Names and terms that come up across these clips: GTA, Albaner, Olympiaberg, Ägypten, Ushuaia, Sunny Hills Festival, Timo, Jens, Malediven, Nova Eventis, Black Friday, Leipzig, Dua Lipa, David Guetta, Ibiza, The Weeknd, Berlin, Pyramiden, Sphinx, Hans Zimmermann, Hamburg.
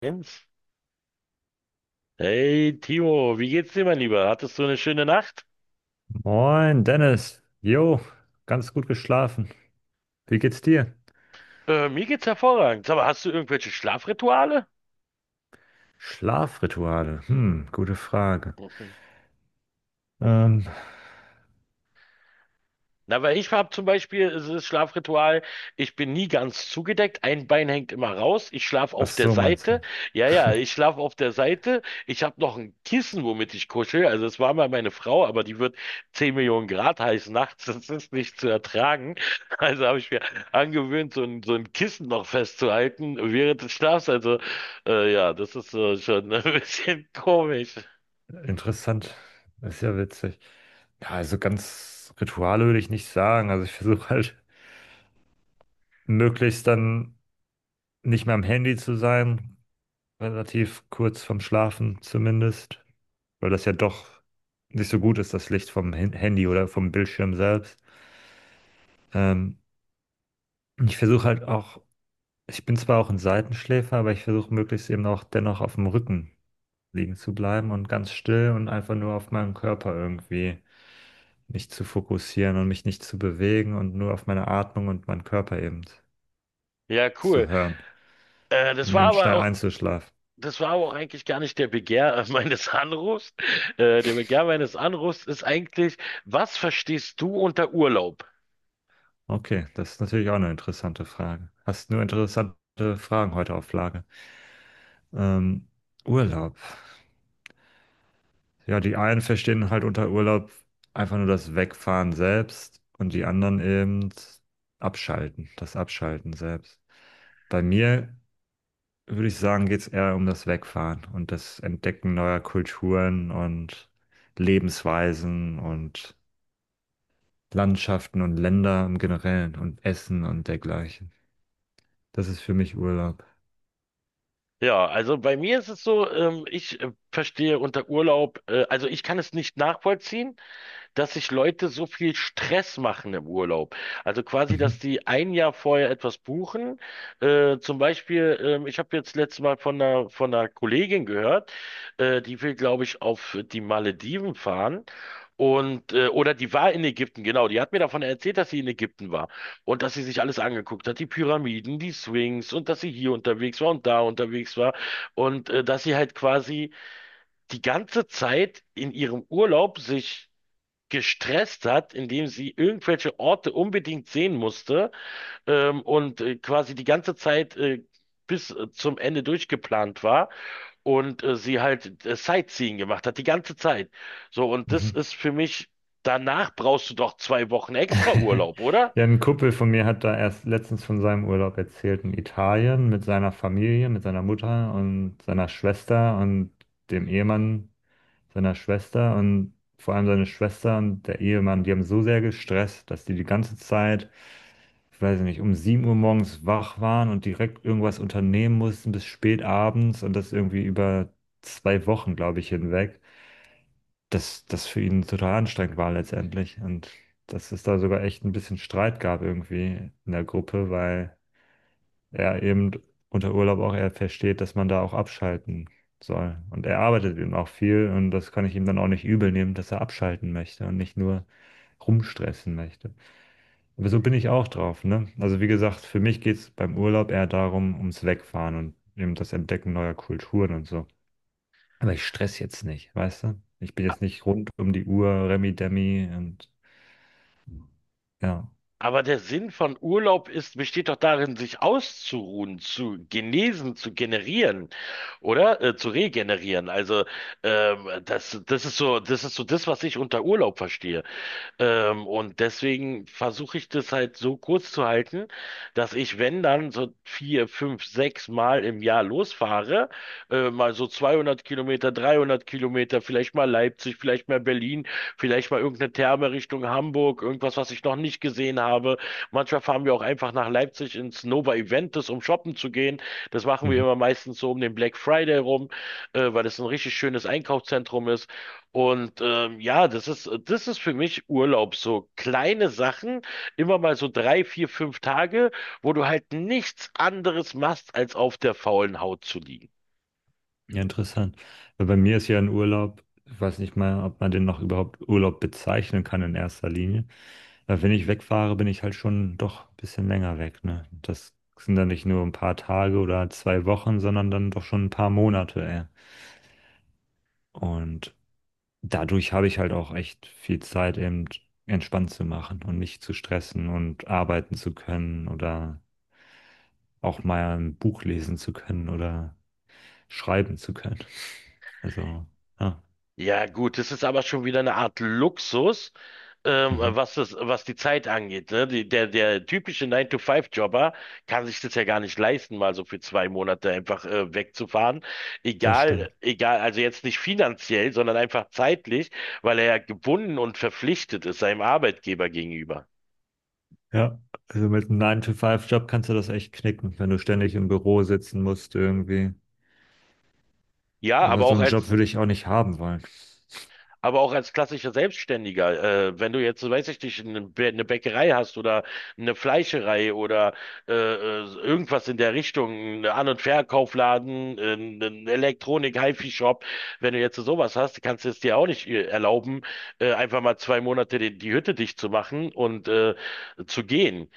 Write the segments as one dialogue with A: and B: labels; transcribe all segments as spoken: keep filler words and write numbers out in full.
A: Jens. Hey Timo, wie geht's dir, mein Lieber? Hattest du eine schöne Nacht?
B: Moin, Dennis. Jo, ganz gut geschlafen. Wie geht's dir?
A: Äh, mir geht's hervorragend. Aber hast du irgendwelche Schlafrituale?
B: Schlafrituale. Hm, gute Frage. Ähm,
A: Na, weil ich habe zum Beispiel, es ist Schlafritual, ich bin nie ganz zugedeckt, ein Bein hängt immer raus, ich schlafe
B: ach
A: auf der
B: so, meinst
A: Seite.
B: du?
A: Ja, ja, ich schlafe auf der Seite. Ich habe noch ein Kissen, womit ich kuschel. Also es war mal meine Frau, aber die wird zehn Millionen Grad heiß nachts, das ist nicht zu ertragen. Also habe ich mir angewöhnt, so ein, so ein Kissen noch festzuhalten während des Schlafs. Also äh, ja, das ist äh, schon ein bisschen komisch.
B: Interessant. Ist ja witzig. Ja, also ganz Rituale würde ich nicht sagen. Also ich versuche halt möglichst dann nicht mehr am Handy zu sein, relativ kurz vorm Schlafen zumindest, weil das ja doch nicht so gut ist, das Licht vom Hin- Handy oder vom Bildschirm selbst. Ähm, ich versuche halt auch. Ich bin zwar auch ein Seitenschläfer, aber ich versuche möglichst eben auch dennoch auf dem Rücken liegen zu bleiben und ganz still und einfach nur auf meinen Körper irgendwie mich zu fokussieren und mich nicht zu bewegen und nur auf meine Atmung und meinen Körper eben
A: Ja,
B: zu
A: cool.
B: hören,
A: Äh, das
B: um
A: war
B: eben
A: aber
B: schnell
A: auch
B: einzuschlafen.
A: Das war aber auch eigentlich gar nicht der Begehr meines Anrufs. Äh, der Begehr meines Anrufs ist eigentlich, was verstehst du unter Urlaub?
B: Okay, das ist natürlich auch eine interessante Frage. Hast nur interessante Fragen heute auf Lage. Ähm, Urlaub. Ja, die einen verstehen halt unter Urlaub einfach nur das Wegfahren selbst und die anderen eben abschalten, das Abschalten selbst. Bei mir würde ich sagen, geht es eher um das Wegfahren und das Entdecken neuer Kulturen und Lebensweisen und Landschaften und Länder im Generellen und Essen und dergleichen. Das ist für mich Urlaub.
A: Ja, also bei mir ist es so, ähm, ich äh, verstehe unter Urlaub, äh, also ich kann es nicht nachvollziehen, dass sich Leute so viel Stress machen im Urlaub. Also quasi,
B: Mhm.
A: dass die ein Jahr vorher etwas buchen. Äh, zum Beispiel, ähm, ich habe jetzt letztes Mal von einer, von einer Kollegin gehört, äh, die will, glaube ich, auf die Malediven fahren. Und, äh, oder die war in Ägypten, genau. Die hat mir davon erzählt, dass sie in Ägypten war und dass sie sich alles angeguckt hat, die Pyramiden, die Sphinx, und dass sie hier unterwegs war und da unterwegs war und äh, dass sie halt quasi die ganze Zeit in ihrem Urlaub sich gestresst hat, indem sie irgendwelche Orte unbedingt sehen musste, ähm, und äh, quasi die ganze Zeit äh, bis äh, zum Ende durchgeplant war und äh, sie halt äh, Sightseeing gemacht hat, die ganze Zeit. So, und das
B: Mhm.
A: ist für mich, danach brauchst du doch zwei Wochen extra Urlaub, oder?
B: Ja, ein Kumpel von mir hat da erst letztens von seinem Urlaub erzählt in Italien mit seiner Familie, mit seiner Mutter und seiner Schwester und dem Ehemann seiner Schwester, und vor allem seine Schwester und der Ehemann, die haben so sehr gestresst, dass die die ganze Zeit, ich weiß nicht, um sieben Uhr morgens wach waren und direkt irgendwas unternehmen mussten bis spät abends, und das irgendwie über zwei Wochen, glaube ich, hinweg, das, das für ihn total anstrengend war letztendlich. Und dass es da sogar echt ein bisschen Streit gab irgendwie in der Gruppe, weil er eben unter Urlaub auch eher versteht, dass man da auch abschalten soll. Und er arbeitet eben auch viel, und das kann ich ihm dann auch nicht übel nehmen, dass er abschalten möchte und nicht nur rumstressen möchte. Aber so bin ich auch drauf, ne? Also wie gesagt, für mich geht es beim Urlaub eher darum, ums Wegfahren und eben das Entdecken neuer Kulturen und so. Aber ich stress jetzt nicht, weißt du? Ich bin jetzt nicht rund um die Uhr, Remi Demi und ja.
A: Aber der Sinn von Urlaub ist, besteht doch darin, sich auszuruhen, zu genesen, zu generieren, oder? Äh, zu regenerieren. Also ähm, das, das ist so, das ist so das, was ich unter Urlaub verstehe. Ähm, und deswegen versuche ich das halt so kurz zu halten, dass ich, wenn dann so vier, fünf, sechs Mal im Jahr losfahre, äh, mal so zweihundert Kilometer, dreihundert Kilometer, vielleicht mal Leipzig, vielleicht mal Berlin, vielleicht mal irgendeine Therme Richtung Hamburg, irgendwas, was ich noch nicht gesehen habe. Manchmal fahren wir auch einfach nach Leipzig ins Nova Eventis, um shoppen zu gehen. Das machen wir
B: Mhm.
A: immer meistens so um den Black Friday rum, äh, weil das ein richtig schönes Einkaufszentrum ist. Und ähm, ja, das ist, das ist für mich Urlaub. So kleine Sachen, immer mal so drei, vier, fünf Tage, wo du halt nichts anderes machst, als auf der faulen Haut zu liegen.
B: Ja, interessant. Weil bei mir ist ja ein Urlaub, ich weiß nicht mal, ob man den noch überhaupt Urlaub bezeichnen kann in erster Linie. Weil wenn ich wegfahre, bin ich halt schon doch ein bisschen länger weg, ne? Das sind dann nicht nur ein paar Tage oder zwei Wochen, sondern dann doch schon ein paar Monate, ey. Und dadurch habe ich halt auch echt viel Zeit, eben entspannt zu machen und nicht zu stressen und arbeiten zu können oder auch mal ein Buch lesen zu können oder schreiben zu können. Also, ja,
A: Ja, gut, das ist aber schon wieder eine Art Luxus, ähm,
B: mhm,
A: was das, was die Zeit angeht. Ne? Die, der, der typische Nine to Five jobber kann sich das ja gar nicht leisten, mal so für zwei Monate einfach äh, wegzufahren.
B: das
A: Egal,
B: stimmt.
A: egal, also jetzt nicht finanziell, sondern einfach zeitlich, weil er ja gebunden und verpflichtet ist seinem Arbeitgeber gegenüber.
B: Ja, also mit einem nine to five job kannst du das echt knicken, wenn du ständig im Büro sitzen musst irgendwie.
A: Ja,
B: Aber
A: aber
B: so
A: auch
B: einen Job
A: als
B: würde ich auch nicht haben wollen.
A: aber auch als klassischer Selbstständiger. Äh, wenn du jetzt, weiß ich nicht, eine, Bä- eine Bäckerei hast oder eine Fleischerei oder äh, äh, irgendwas in der Richtung, ein An- und Verkaufladen, äh, ein Elektronik, HiFi-Shop, wenn du jetzt sowas hast, kannst du es dir auch nicht äh, erlauben, äh, einfach mal zwei Monate die, die Hütte dicht zu machen und äh, zu gehen.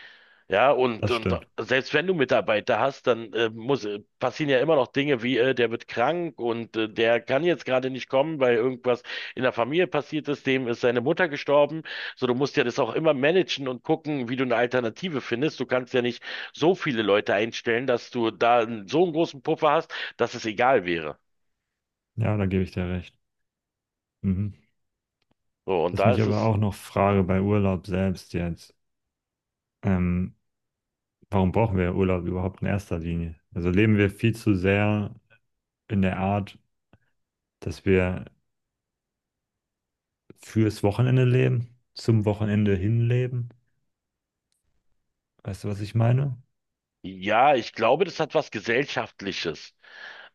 A: Ja, und,
B: Das
A: und
B: stimmt.
A: Selbst wenn du Mitarbeiter hast, dann äh, muss, äh, passieren ja immer noch Dinge wie, äh, der wird krank und äh, der kann jetzt gerade nicht kommen, weil irgendwas in der Familie passiert ist, dem ist seine Mutter gestorben. So, du musst ja das auch immer managen und gucken, wie du eine Alternative findest. Du kannst ja nicht so viele Leute einstellen, dass du da einen- so einen großen Puffer hast, dass es egal wäre.
B: Ja, da gebe ich dir recht. Mhm.
A: So, und
B: Was
A: da
B: mich
A: ist
B: aber
A: es,
B: auch noch frage bei Urlaub selbst jetzt. Ähm, Warum brauchen wir Urlaub überhaupt in erster Linie? Also leben wir viel zu sehr in der Art, dass wir fürs Wochenende leben, zum Wochenende hin. Weißt du, was ich meine?
A: ja, ich glaube, das hat was Gesellschaftliches.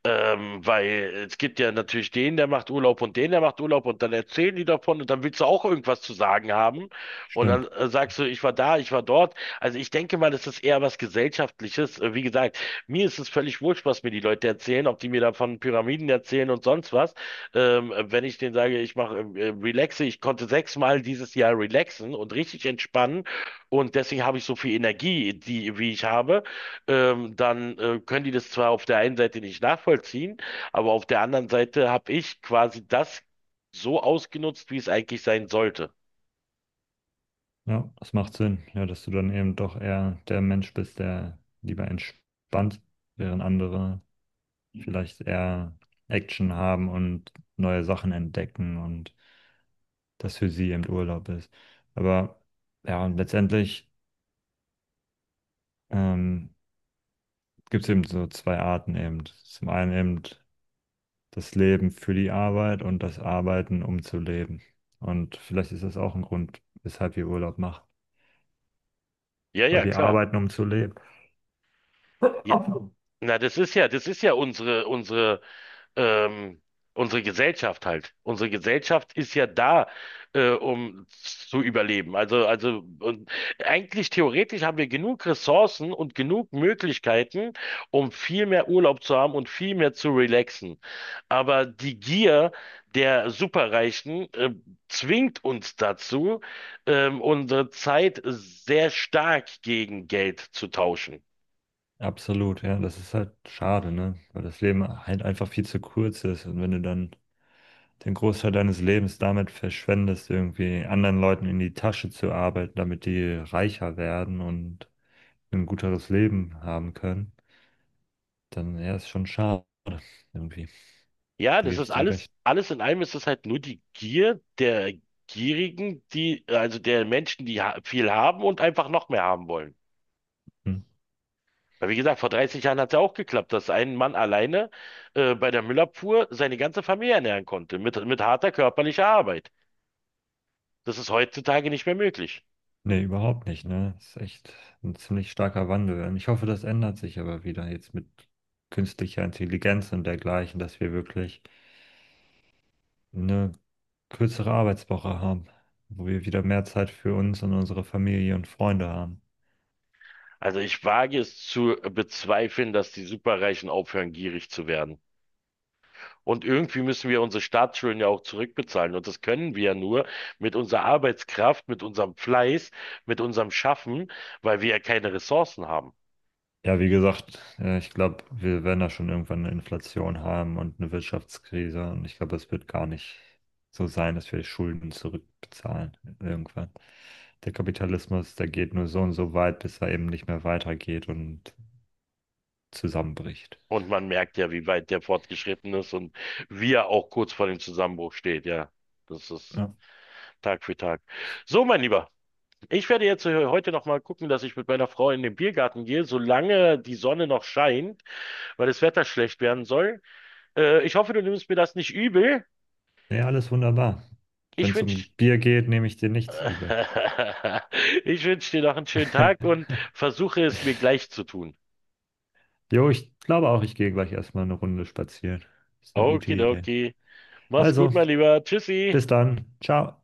A: Ähm, weil es gibt ja natürlich den, der macht Urlaub und den, der macht Urlaub, und dann erzählen die davon und dann willst du auch irgendwas zu sagen haben und dann
B: Stimmt.
A: äh, sagst du, ich war da, ich war dort. Also ich denke mal, das ist eher was Gesellschaftliches. Äh, wie gesagt, mir ist es völlig wurscht, was mir die Leute erzählen, ob die mir davon Pyramiden erzählen und sonst was. Ähm, wenn ich denen sage, ich mache äh, äh, relaxe, ich konnte sechsmal dieses Jahr relaxen und richtig entspannen und deswegen habe ich so viel Energie, die, wie ich habe, ähm, dann äh, können die das zwar auf der einen Seite nicht nachvollziehen, aber auf der anderen Seite habe ich quasi das so ausgenutzt, wie es eigentlich sein sollte.
B: Ja, das macht Sinn. Ja, dass du dann eben doch eher der Mensch bist, der lieber entspannt, während andere vielleicht eher Action haben und neue Sachen entdecken, und das für sie eben Urlaub ist. Aber ja, und letztendlich ähm, gibt es eben so zwei Arten eben. Zum einen eben das Leben für die Arbeit und das Arbeiten, um zu leben. Und vielleicht ist das auch ein Grund, weshalb wir Urlaub machen.
A: Ja,
B: Weil
A: ja,
B: wir
A: klar.
B: arbeiten, um zu leben.
A: Ja, na, das ist ja, das ist ja unsere, unsere ähm, unsere Gesellschaft halt. Unsere Gesellschaft ist ja da, äh, um zu überleben. Also, also, und eigentlich theoretisch haben wir genug Ressourcen und genug Möglichkeiten, um viel mehr Urlaub zu haben und viel mehr zu relaxen. Aber die Gier der Superreichen, äh, zwingt uns dazu, ähm, unsere Zeit sehr stark gegen Geld zu tauschen.
B: Absolut, ja. Das ist halt schade, ne? Weil das Leben halt einfach viel zu kurz ist. Und wenn du dann den Großteil deines Lebens damit verschwendest, irgendwie anderen Leuten in die Tasche zu arbeiten, damit die reicher werden und ein guteres Leben haben können, dann ja, ist schon schade irgendwie.
A: Ja,
B: Da
A: das
B: gebe ich
A: ist
B: dir
A: alles,
B: recht.
A: alles in allem ist es halt nur die Gier der Gierigen, die, also der Menschen, die ha viel haben und einfach noch mehr haben wollen.
B: Hm.
A: Weil wie gesagt, vor dreißig Jahren hat es ja auch geklappt, dass ein Mann alleine äh, bei der Müllabfuhr seine ganze Familie ernähren konnte, mit, mit harter körperlicher Arbeit. Das ist heutzutage nicht mehr möglich.
B: Nee, überhaupt nicht, ne? Das ist echt ein ziemlich starker Wandel. Und ich hoffe, das ändert sich aber wieder jetzt mit künstlicher Intelligenz und dergleichen, dass wir wirklich eine kürzere Arbeitswoche haben, wo wir wieder mehr Zeit für uns und unsere Familie und Freunde haben.
A: Also ich wage es zu bezweifeln, dass die Superreichen aufhören, gierig zu werden. Und irgendwie müssen wir unsere Staatsschulden ja auch zurückbezahlen. Und das können wir ja nur mit unserer Arbeitskraft, mit unserem Fleiß, mit unserem Schaffen, weil wir ja keine Ressourcen haben.
B: Ja, wie gesagt, äh, ich glaube, wir werden da schon irgendwann eine Inflation haben und eine Wirtschaftskrise. Und ich glaube, es wird gar nicht so sein, dass wir Schulden zurückbezahlen irgendwann. Der Kapitalismus, der geht nur so und so weit, bis er eben nicht mehr weitergeht und zusammenbricht.
A: Und man merkt ja, wie weit der fortgeschritten ist und wie er auch kurz vor dem Zusammenbruch steht. Ja, das ist
B: Ja,
A: Tag für Tag. So, mein Lieber, ich werde jetzt äh, heute noch mal gucken, dass ich mit meiner Frau in den Biergarten gehe, solange die Sonne noch scheint, weil das Wetter schlecht werden soll. Äh, ich hoffe, du nimmst mir das nicht übel.
B: nee, alles wunderbar. Wenn
A: Ich
B: es um
A: wünsche
B: Bier geht, nehme ich dir nichts übel.
A: Ich wünsche dir noch einen schönen Tag und versuche es mir gleich zu tun.
B: Jo, ich glaube auch, ich gehe gleich erstmal eine Runde spazieren. Ist eine gute Idee.
A: Okidoki. Mach's gut,
B: Also,
A: mein Lieber. Tschüssi.
B: bis dann. Ciao.